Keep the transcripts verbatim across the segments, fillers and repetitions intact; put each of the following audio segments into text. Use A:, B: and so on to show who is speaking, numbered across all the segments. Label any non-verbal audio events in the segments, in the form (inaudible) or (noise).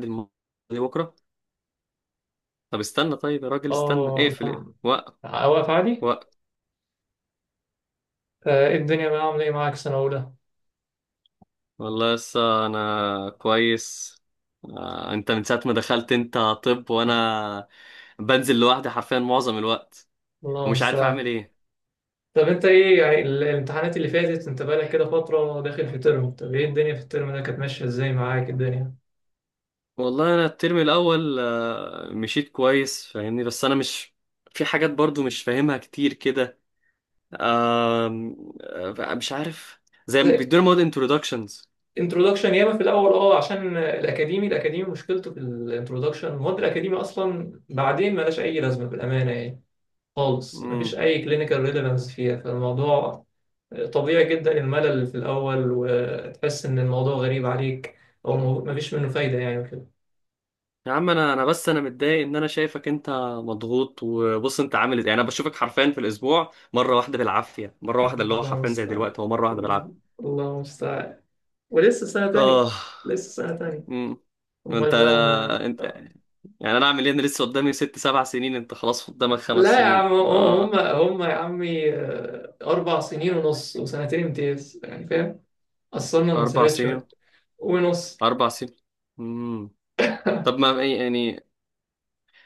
A: الماضي. بكرة. طب استنى، طيب يا راجل، استنى.
B: اه.
A: اقفل اقفل. وقف
B: لا، واقف عادي.
A: وقف.
B: آه، ايه الدنيا بقى عامله ايه معاك سنه اولى؟
A: والله لسه انا كويس. آه، انت من ساعة ما دخلت، انت طب وانا بنزل لوحدي حرفيا معظم الوقت،
B: الله
A: ومش عارف اعمل
B: المستعان.
A: ايه.
B: طب انت ايه يعني ال- الامتحانات اللي فاتت انت بقالك كده فتره داخل في ترم، طب ايه الدنيا في الترم ده كانت ماشيه ازاي معاك الدنيا؟
A: والله انا الترم الاول آه، مشيت كويس فاهمني، بس انا مش... في حاجات برضو مش فاهمها كتير كده. آم، آه، مش عارف. زي ما
B: زي
A: بيدونا مواد introductions.
B: انترودكشن ياما في الاول، اه عشان الاكاديمي الاكاديمي مشكلته في الانترودكشن، المواد الاكاديمي اصلا بعدين ملاش اي لازمه بالامانه يعني، خالص مفيش أي كلينيكال ريليفانس فيها فالموضوع. طبيعي جدا الملل في الأول وتحس إن الموضوع غريب عليك، أو مو- مفيش منه فايدة يعني وكده.
A: يا عم انا انا بس انا متضايق ان انا شايفك انت مضغوط. وبص انت عامل ازاي؟ يعني انا بشوفك حرفيا في الاسبوع مره واحده بالعافيه، مره واحده اللي هو
B: الله
A: حرفيا زي
B: المستعان.
A: دلوقتي، هو مره واحده بالعافيه.
B: الله المستعان. ولسه سنة تانية.
A: اه.
B: لسه سنة تانية.
A: امم. انت
B: أمال بقى ما.
A: انت يعني انا اعمل ايه؟ انا لسه قدامي ست سبع سنين، انت خلاص قدامك خمس
B: لا يا
A: سنين
B: عم، هم
A: اه.
B: هم يا عمي، آه، أربع سنين ونص وسنتين امتياز يعني فاهم؟ قصرنا
A: اربع
B: المسافات
A: سنين
B: شوية. ونص.
A: اربع سنين. امم.
B: (laughs)
A: طب ما إيه يعني؟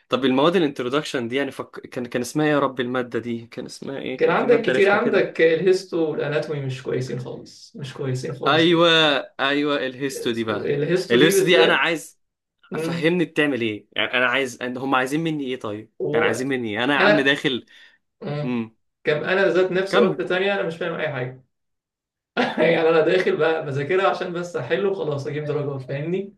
A: طب المواد الانترودكشن دي يعني فك... كان كان اسمها ايه يا رب؟ الماده دي كان اسمها ايه؟
B: كان
A: كان في
B: عندك
A: ماده
B: كتير،
A: رخمه كده.
B: عندك الهيستو والاناتومي مش كويسين خالص، مش كويسين خالص
A: ايوه.
B: خالص.
A: ايوه الهيستو دي بقى.
B: الهيستو دي
A: الهيستو دي انا
B: بالذات.
A: عايز
B: مم.
A: افهمني بتعمل ايه يعني. انا عايز أن هم عايزين مني ايه طيب، يعني
B: وانا.
A: عايزين مني ايه؟ انا يا عم داخل.
B: مم.
A: امم.
B: كم انا ذات نفسي
A: كمل.
B: عقده تانية، انا مش فاهم اي حاجه. (laughs) يعني انا داخل بقى بذاكرها عشان بس احل وخلاص اجيب درجات فاهمني.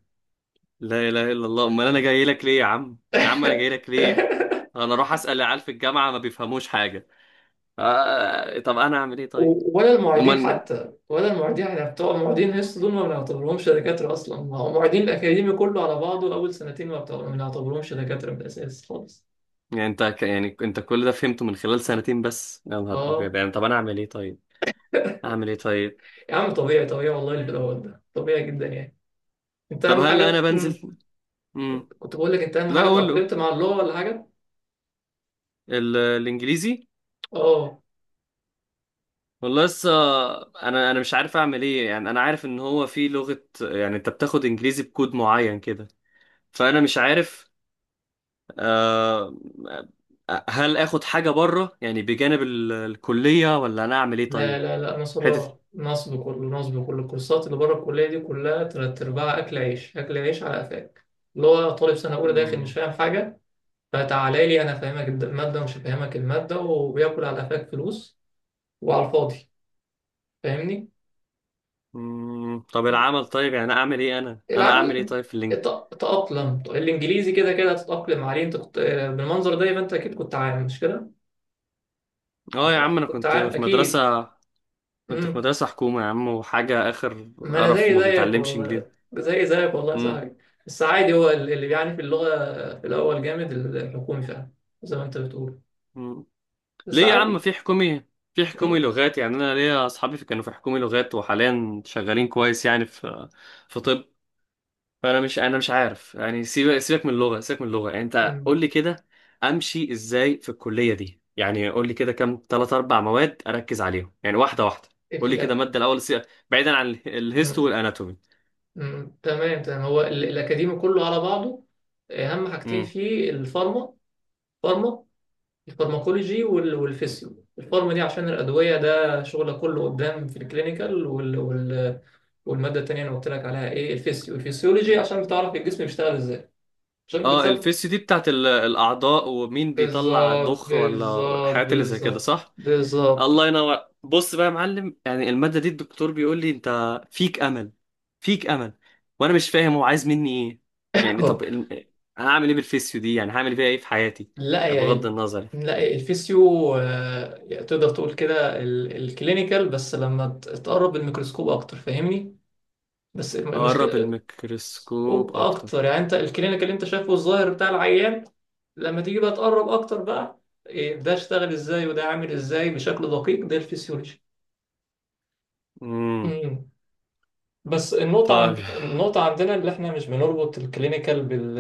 A: لا اله الا الله، امال انا جاي لك ليه يا عم؟ يا عم انا جاي لك
B: (laughs)
A: ليه؟ انا اروح اسال العيال في الجامعه، ما بيفهموش حاجه. آه... طب انا اعمل ايه طيب؟
B: و- ولا المعيدين
A: امال.
B: حتى، ولا المعيدين. احنا بتوع المعيدين هيستو دول ما بنعتبرهمش دكاتره اصلا، ما هو المعيدين الاكاديمي كله على بعضه اول سنتين، ما بتوع- ما بنعتبرهمش دكاتره من الاساس خالص.
A: يعني انت ك... يعني انت كل ده فهمته من خلال سنتين بس؟ يا نهار ابيض.
B: اه.
A: يعني طب انا اعمل ايه طيب؟ اعمل ايه طيب؟
B: يا عم طبيعي، طبيعي والله، اللي دوت ده طبيعي جدا يعني. انت
A: طب
B: اهم
A: هل انا
B: حاجه. مم.
A: بنزل؟ امم.
B: كنت بقول لك، انت اهم
A: لا
B: حاجه
A: اقول له.
B: اتاقلمت مع اللغه ولا حاجه؟
A: ال... الانجليزي.
B: اه.
A: والله لسه، انا انا مش عارف اعمل ايه. يعني انا عارف ان هو في لغة، يعني انت بتاخد انجليزي بكود معين كده، فانا مش عارف. آه. آه، هل اخد حاجة بره يعني بجانب ال- الكلية، ولا انا اعمل ايه
B: لا
A: طيب؟
B: لا لا،
A: حتة.
B: نصب، نصب كله، نصب كله الكورسات اللي بره الكليه دي، كلها تلات ارباع اكل عيش، اكل عيش على قفاك. اللي هو طالب سنه اولى داخل مش
A: مم.
B: فاهم حاجه، فتعالى لي انا فاهمك الد- الماده ومش فاهمك الماده وبياكل على قفاك فلوس، وعلى الفاضي، فاهمني.
A: مم. طب العمل طيب، يعني اعمل ايه؟ انا انا اعمل ايه
B: العمل.
A: طيب في اللينك؟
B: ات- تأقلم الإنجليزي، كده كده هتتأقلم عليه، أنت كنت بالمنظر ده يبقى أنت أكيد كنت عامل، مش كده؟
A: اه
B: كنت
A: يا
B: ع-
A: عم انا
B: كنت
A: كنت
B: عارف
A: في مدرسة.
B: اكيد.
A: كنت في
B: امم.
A: مدرسة حكومة يا عم، وحاجة اخر
B: ما انا
A: قرف،
B: زي
A: وما
B: زيك
A: بتتعلمش انجليزي.
B: والله، زي زيك والله يا
A: مم.
B: صاحبي. بس عادي، هو ال- اللي بيعاني في اللغه في الاول جامد، الحكومي فعلا زي ما انت بتقول،
A: مم.
B: بس
A: ليه يا عم؟
B: عادي.
A: في حكومي، في حكومي
B: مم.
A: لغات. يعني انا ليا اصحابي في- كانوا في حكومي لغات، وحاليا شغالين كويس. يعني في في طب. فانا مش انا مش عارف. يعني سيبك سيبك من اللغه، سيبك من اللغه. يعني انت
B: مم.
A: قول لي كده، امشي ازاي في الكليه دي؟ يعني قول لي كده كام ثلاث اربع مواد اركز عليهم يعني. واحده واحده.
B: إيه
A: قول
B: في
A: لي كده
B: الأك...
A: ماده الاول، سي- بعيدا عن ال- الهيستو
B: مم.
A: والاناتومي.
B: مم. تمام تمام، هو ال- الاكاديمي كله على بعضه اهم حاجتين
A: امم.
B: فيه الفارما. فارما، الفارماكولوجي وال- والفيسيو. الفارم دي عشان الأدوية، ده شغل كله قدام في الكلينيكال وال... وال... والمادة التانية أنا قلت لك عليها إيه؟ الفيسيو، الفيسيولوجي عشان بتعرف الجسم بيشتغل إزاي، عشان
A: اه
B: بتسمي.
A: الفيس دي بتاعت ال- الاعضاء، ومين بيطلع
B: بالظبط
A: ضخ ولا
B: بالظبط
A: الحاجات اللي زي كده،
B: بالظبط
A: صح؟
B: بالظبط.
A: الله ينور. بص بقى يا معلم، يعني المادة دي الدكتور بيقول لي انت فيك امل، فيك امل، وانا مش فاهم هو عايز مني ايه. يعني
B: أهو.
A: طب الم... هعمل ايه بالفيسيو دي؟ يعني هعمل بيها ايه في حياتي؟
B: لا
A: يعني
B: يا
A: بغض
B: ال...
A: النظر.
B: لا يا الفيسيو، آه، تقدر تقول كده ال... الكلينيكال، بس لما ت- تقرب الميكروسكوب أكتر فاهمني. بس
A: اقرب
B: المشكلة.
A: الميكروسكوب اكتر.
B: وأكتر يعني، أنت الكلينيك اللي أنت شايفه الظاهر بتاع العيان، لما تيجي بقى تقرب أكتر بقى إيه، ده اشتغل إزاي وده عامل إزاي بشكل دقيق، ده الفسيولوجي.
A: امم.
B: مم. بس النقطة
A: طيب.
B: عند، النقطة عندنا اللي احنا مش بنربط الكلينيكال بال،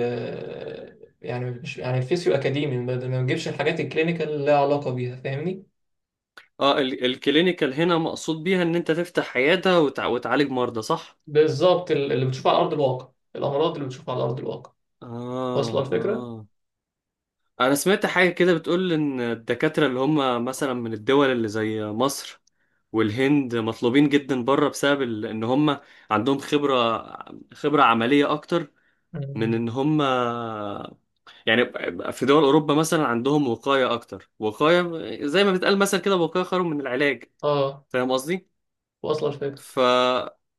B: يعني مش، يعني الفيسيو أكاديمي ما ما بنجيبش الحاجات الكلينيكال اللي لها علاقة بيها، فاهمني؟
A: اه، ال... الكلينيكال هنا مقصود بيها ان انت تفتح عيادة وتع... وتعالج مرضى، صح؟
B: بالظبط، ال- اللي بتشوفه على أرض الواقع، الأمراض اللي بتشوفها على أرض الواقع. واصلة
A: اه،
B: الفكرة؟
A: اه. انا سمعت حاجة كده بتقول ان الدكاترة اللي هم مثلا من الدول اللي زي مصر والهند مطلوبين جدا بره، بسبب ال- ان هم عندهم خبرة، خبرة عملية اكتر من
B: مم.
A: ان هم يعني في دول اوروبا مثلا عندهم وقاية اكتر. وقاية زي ما بتقال مثلا كده، وقاية خير من العلاج.
B: اه.
A: فاهم قصدي؟
B: واصلة الفكرة.
A: فهل،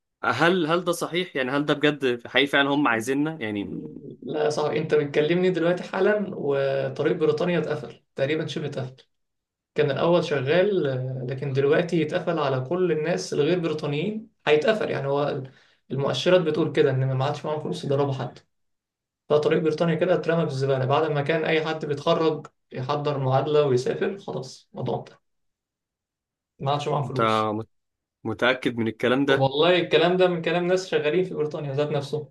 A: هل ده صحيح؟ يعني هل ده بجد حقيقي فعلا هم عايزيننا يعني؟
B: لا يا صاحبي، انت بتكلمني دلوقتي حالا وطريق بريطانيا اتقفل تقريبا، شبه اتقفل. كان الاول شغال، آه، لكن دلوقتي اتقفل على كل الناس الغير بريطانيين، هيتقفل يعني. هو المؤشرات بتقول كده ان ما عادش معاهم فلوس يضربوا حد، فطريق بريطانيا كده اترمى في الزباله، بعد ما كان اي حد بيتخرج يحضر معادله ويسافر، خلاص الموضوع انتهى، ما عادش معاهم
A: انت
B: فلوس.
A: متأكد من الكلام ده؟
B: والله الكلام ده من كلام ناس شغالين في بريطانيا ذات نفسهم،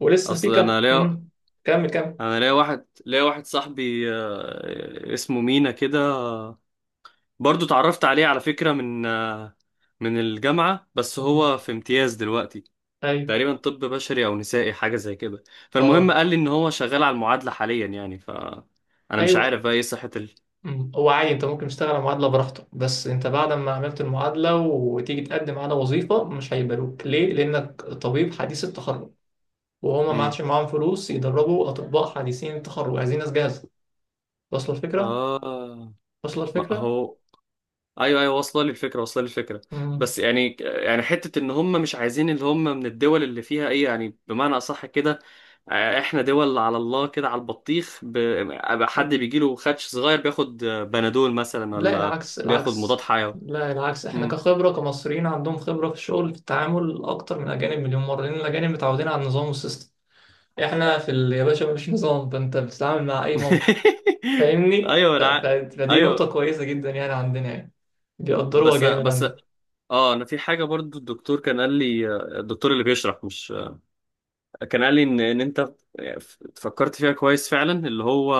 B: ولسه في
A: اصل
B: كم.
A: انا ليا،
B: مم. كمل كمل.
A: انا ليا واحد ليا واحد صاحبي آه، اسمه مينا كده، برضو اتعرفت عليه على فكرة من آه، من الجامعة، بس
B: مم.
A: هو في امتياز دلوقتي
B: ايوه.
A: تقريبا، طب بشري او نسائي حاجة زي كده. فالمهم
B: اه.
A: قال لي ان هو شغال على المعادلة حاليا، يعني ف، انا مش عارف
B: ايوه.
A: بقى ايه صحة ال.
B: مم. هو عادي، انت ممكن تشتغل على معادلة براحتك، بس انت بعد ما عملت المعادلة وتيجي تقدم على وظيفة مش هيقبلوك، ليه؟ لأنك طبيب حديث التخرج، وهما ما
A: امم.
B: عادش معاهم فلوس يدربوا أطباء حديثين التخرج، عايزين ناس جاهزة. واصلة الفكرة؟
A: اه.
B: واصلة
A: ما
B: الفكرة؟
A: هو، ايوه ايوه، واصله لي الفكره، واصله لي الفكره.
B: مم.
A: بس يعني، يعني حته ان هم مش عايزين اللي هم من الدول اللي فيها ايه، يعني بمعنى اصح كده؟ آه، احنا دول على الله كده، على البطيخ. ب- أبقى حد بيجي له خدش صغير بياخد آه، بنادول مثلا،
B: لا،
A: ولا
B: العكس
A: بياخد مضاد
B: العكس.
A: حيوي.
B: لا، العكس. احنا
A: مم.
B: كخبرة كمصريين عندهم خبرة في الشغل في التعامل أكتر من الأجانب مليون مرة، لأن الأجانب متعودين على النظام والسيستم، احنا في ال- يا باشا مفيش نظام، فانت بتتعامل مع أي موقف
A: (laughs)
B: فاهمني.
A: ايوه
B: ف-
A: انا
B: ف-
A: عا-
B: فدي نقطة
A: ايوه
B: كويسة جدا يعني، عندنا يعني بيقدروها
A: بس
B: جامد
A: بس.
B: عندنا.
A: اه انا في حاجه برضو الدكتور كان قال لي، آه، الدكتور اللي بيشرح مش، كان قال لي ان ان انت فكرت فيها كويس فعلا، اللي هو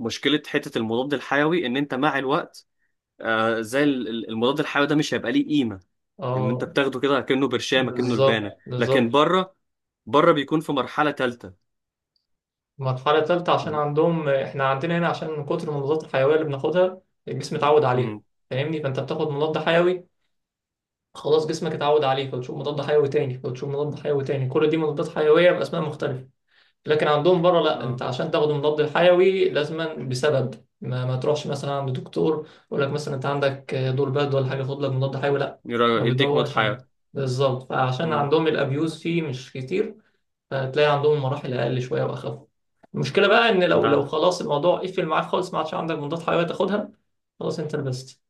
A: مشكلة حتة المضاد الحيوي إن أنت مع الوقت، آه زي ال- ال- المضاد الحيوي ده مش هيبقى ليه قيمة، إن أنت
B: اه،
A: بتاخده كده كأنه برشامة كأنه لبانة.
B: بالظبط
A: لكن
B: بالظبط.
A: بره، بره بيكون في مرحلة تالتة.
B: المرحلة التالتة، عشان عندهم، احنا عندنا هنا عشان من كتر المضادات الحيوية اللي بناخدها الجسم اتعود عليها
A: امم.
B: فاهمني، فانت بتاخد مضاد حيوي خلاص جسمك اتعود عليه، فتشوف مضاد حيوي تاني، فتشوف مضاد حيوي تاني، كل دي مضادات حيوية بأسماء مختلفة. لكن عندهم بره لا، انت
A: اه،
B: عشان تاخد مضاد الحيوي لازما بسبب، ما, ما تروحش مثلا عند دكتور يقول لك مثلا انت عندك دور برد ولا حاجه خد لك مضاد حيوي، لا، ما
A: يرا- يديك مضاد
B: بيدورش
A: حيوي.
B: عليها. بالظبط، فعشان
A: امم.
B: عندهم الابيوز فيه مش كتير، فتلاقي عندهم مراحل اقل شويه واخف. المشكله بقى ان لو،
A: ده.
B: لو خلاص الموضوع قفل معاك خالص ما عادش عندك مضاد حيوي تاخدها، خلاص انت لبست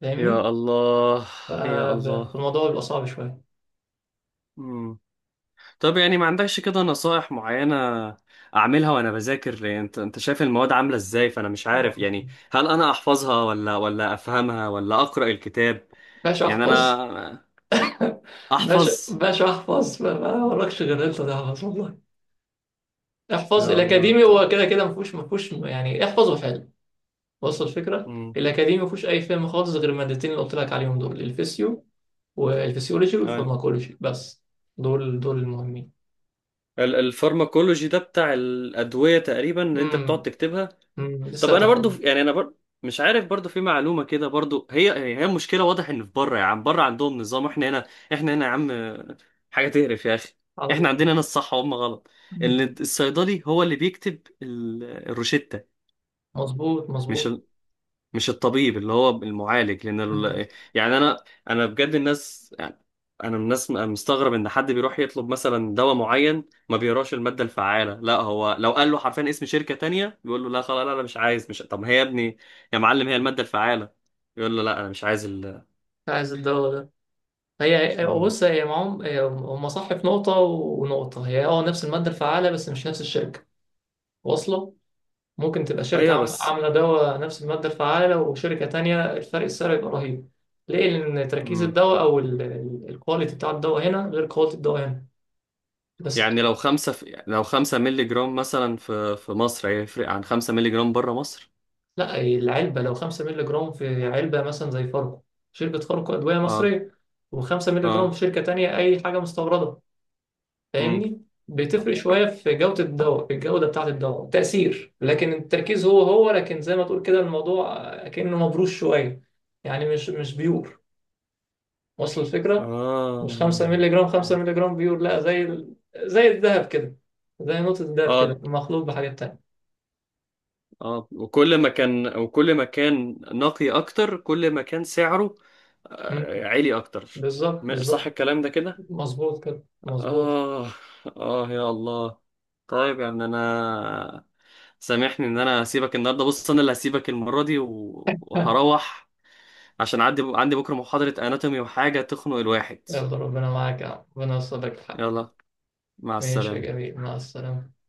B: فاهمني،
A: يا الله. يا الله.
B: فالموضوع بيبقى صعب شويه.
A: امم. طب يعني ما عندكش كده نصائح معينة أعملها وأنا بذاكر؟ يعني أنت، أنت شايف المواد عاملة إزاي، فأنا مش
B: طبعاً.
A: عارف يعني هل أنا أحفظها ولا ولا أفهمها ولا أقرأ الكتاب؟
B: باشا
A: يعني
B: احفظ.
A: انا.
B: (laughs) باشا،
A: احفظ.
B: باشا احفظ، ما ما وراكش غير انت تحفظ والله. احفظ،
A: يا الله
B: الاكاديمي
A: طيب.
B: هو كده كده، ما فيهوش، ما فيهوش يعني، احفظه حلو. وصل الفكره،
A: امم.
B: الاكاديمي ما فيهوش اي فهم خالص غير المادتين اللي قلت لك عليهم دول، الفيسيو والفسيولوجي
A: اي.
B: والفارماكولوجي بس، دول دول المهمين.
A: الفارماكولوجي ده بتاع الادويه تقريبا اللي انت بتقعد
B: امم،
A: تكتبها؟
B: امم،
A: طب
B: لسه
A: انا برضو،
B: هتاخدها.
A: يعني انا برضو مش عارف، برضو في معلومه كده، برضو هي هي مشكله واضح ان في بره يا عم. بره عندهم نظام، احنا هنا، احنا هنا يا عم حاجه تقرف يا اخي.
B: على
A: احنا
B: الله.
A: عندنا هنا الصح وهم غلط.
B: مم.
A: ال- الصيدلي هو اللي بيكتب ال- الروشتة،
B: مظبوط
A: مش،
B: مظبوط.
A: مش الطبيب اللي هو المعالج، لان
B: امم.
A: ال... يعني انا انا بجد الناس يعني. انا من الناس م- مستغرب ان حد بيروح يطلب مثلا دواء معين، ما بيقراش الماده الفعاله، لا هو لو قال له حرفيا اسم شركه تانية بيقول له لا خلاص، لا انا مش عايز، مش. طب ما هي يا ابني يا معلم هي الماده الفعاله. يقول له لا انا مش عايز ال.
B: عايز الدواء ده. هي هي-
A: مم.
B: بص، هي معاهم، هي- هم صح في نقطه، ونقطه هي اه نفس الماده الفعاله بس مش نفس الشركه. واصله. ممكن تبقى شركة
A: ايوه
B: عام-
A: بس.
B: عاملة دواء نفس المادة الفعالة وشركة تانية، الفرق السعر يبقى رهيب. ليه؟ لأن تركيز
A: مم.
B: الدواء أو الكواليتي بتاع الدواء هنا غير كواليتي الدواء هنا بس.
A: يعني لو خمسة في... لو خمسة مللي جرام مثلا في، في مصر، هيفرق عن خمسة مللي جرام بره مصر؟
B: لا، العلبة لو خمسة مللي جرام في علبة مثلا زي فاركو، شركة فاركو أدوية
A: اه.
B: مصرية، و5 مللي جرام
A: اه.
B: في شركة تانية أي حاجة مستوردة،
A: امم.
B: فاهمني؟ بتفرق شوية في جودة الدواء، في الجودة بتاعة الدواء تأثير، لكن التركيز هو هو، لكن زي ما تقول كده الموضوع كأنه مبروش شوية، يعني مش، مش بيور. وصل الفكرة، مش خمسة
A: اه.
B: مللي جرام، خمسة مللي جرام بيور لا، زي ال... زي الذهب كده، زي نقطة الذهب كده
A: آه.
B: مخلوط بحاجات تانية.
A: اه، وكل ما كان، وكل ما كان نقي اكتر، كل ما كان سعره
B: مم.
A: آه، عالي اكتر.
B: بالظبط
A: م- صح
B: بالظبط.
A: الكلام ده كده؟
B: مظبوط كده مظبوط.
A: اه. اه. يا الله. طيب يا ابني انا، سامحني ان انا هسيبك النهارده. بص انا اللي هسيبك المره دي، و-
B: (laughs) ها.
A: وهروح عشان عندي عندي بكره محاضره اناتومي، وحاجه تخنق الواحد.
B: يلا ربنا معاك يا عم، ربنا يوصل لك الحق.
A: يلا، مع
B: ماشي يا
A: السلامه.
B: جميل، مع السلامة.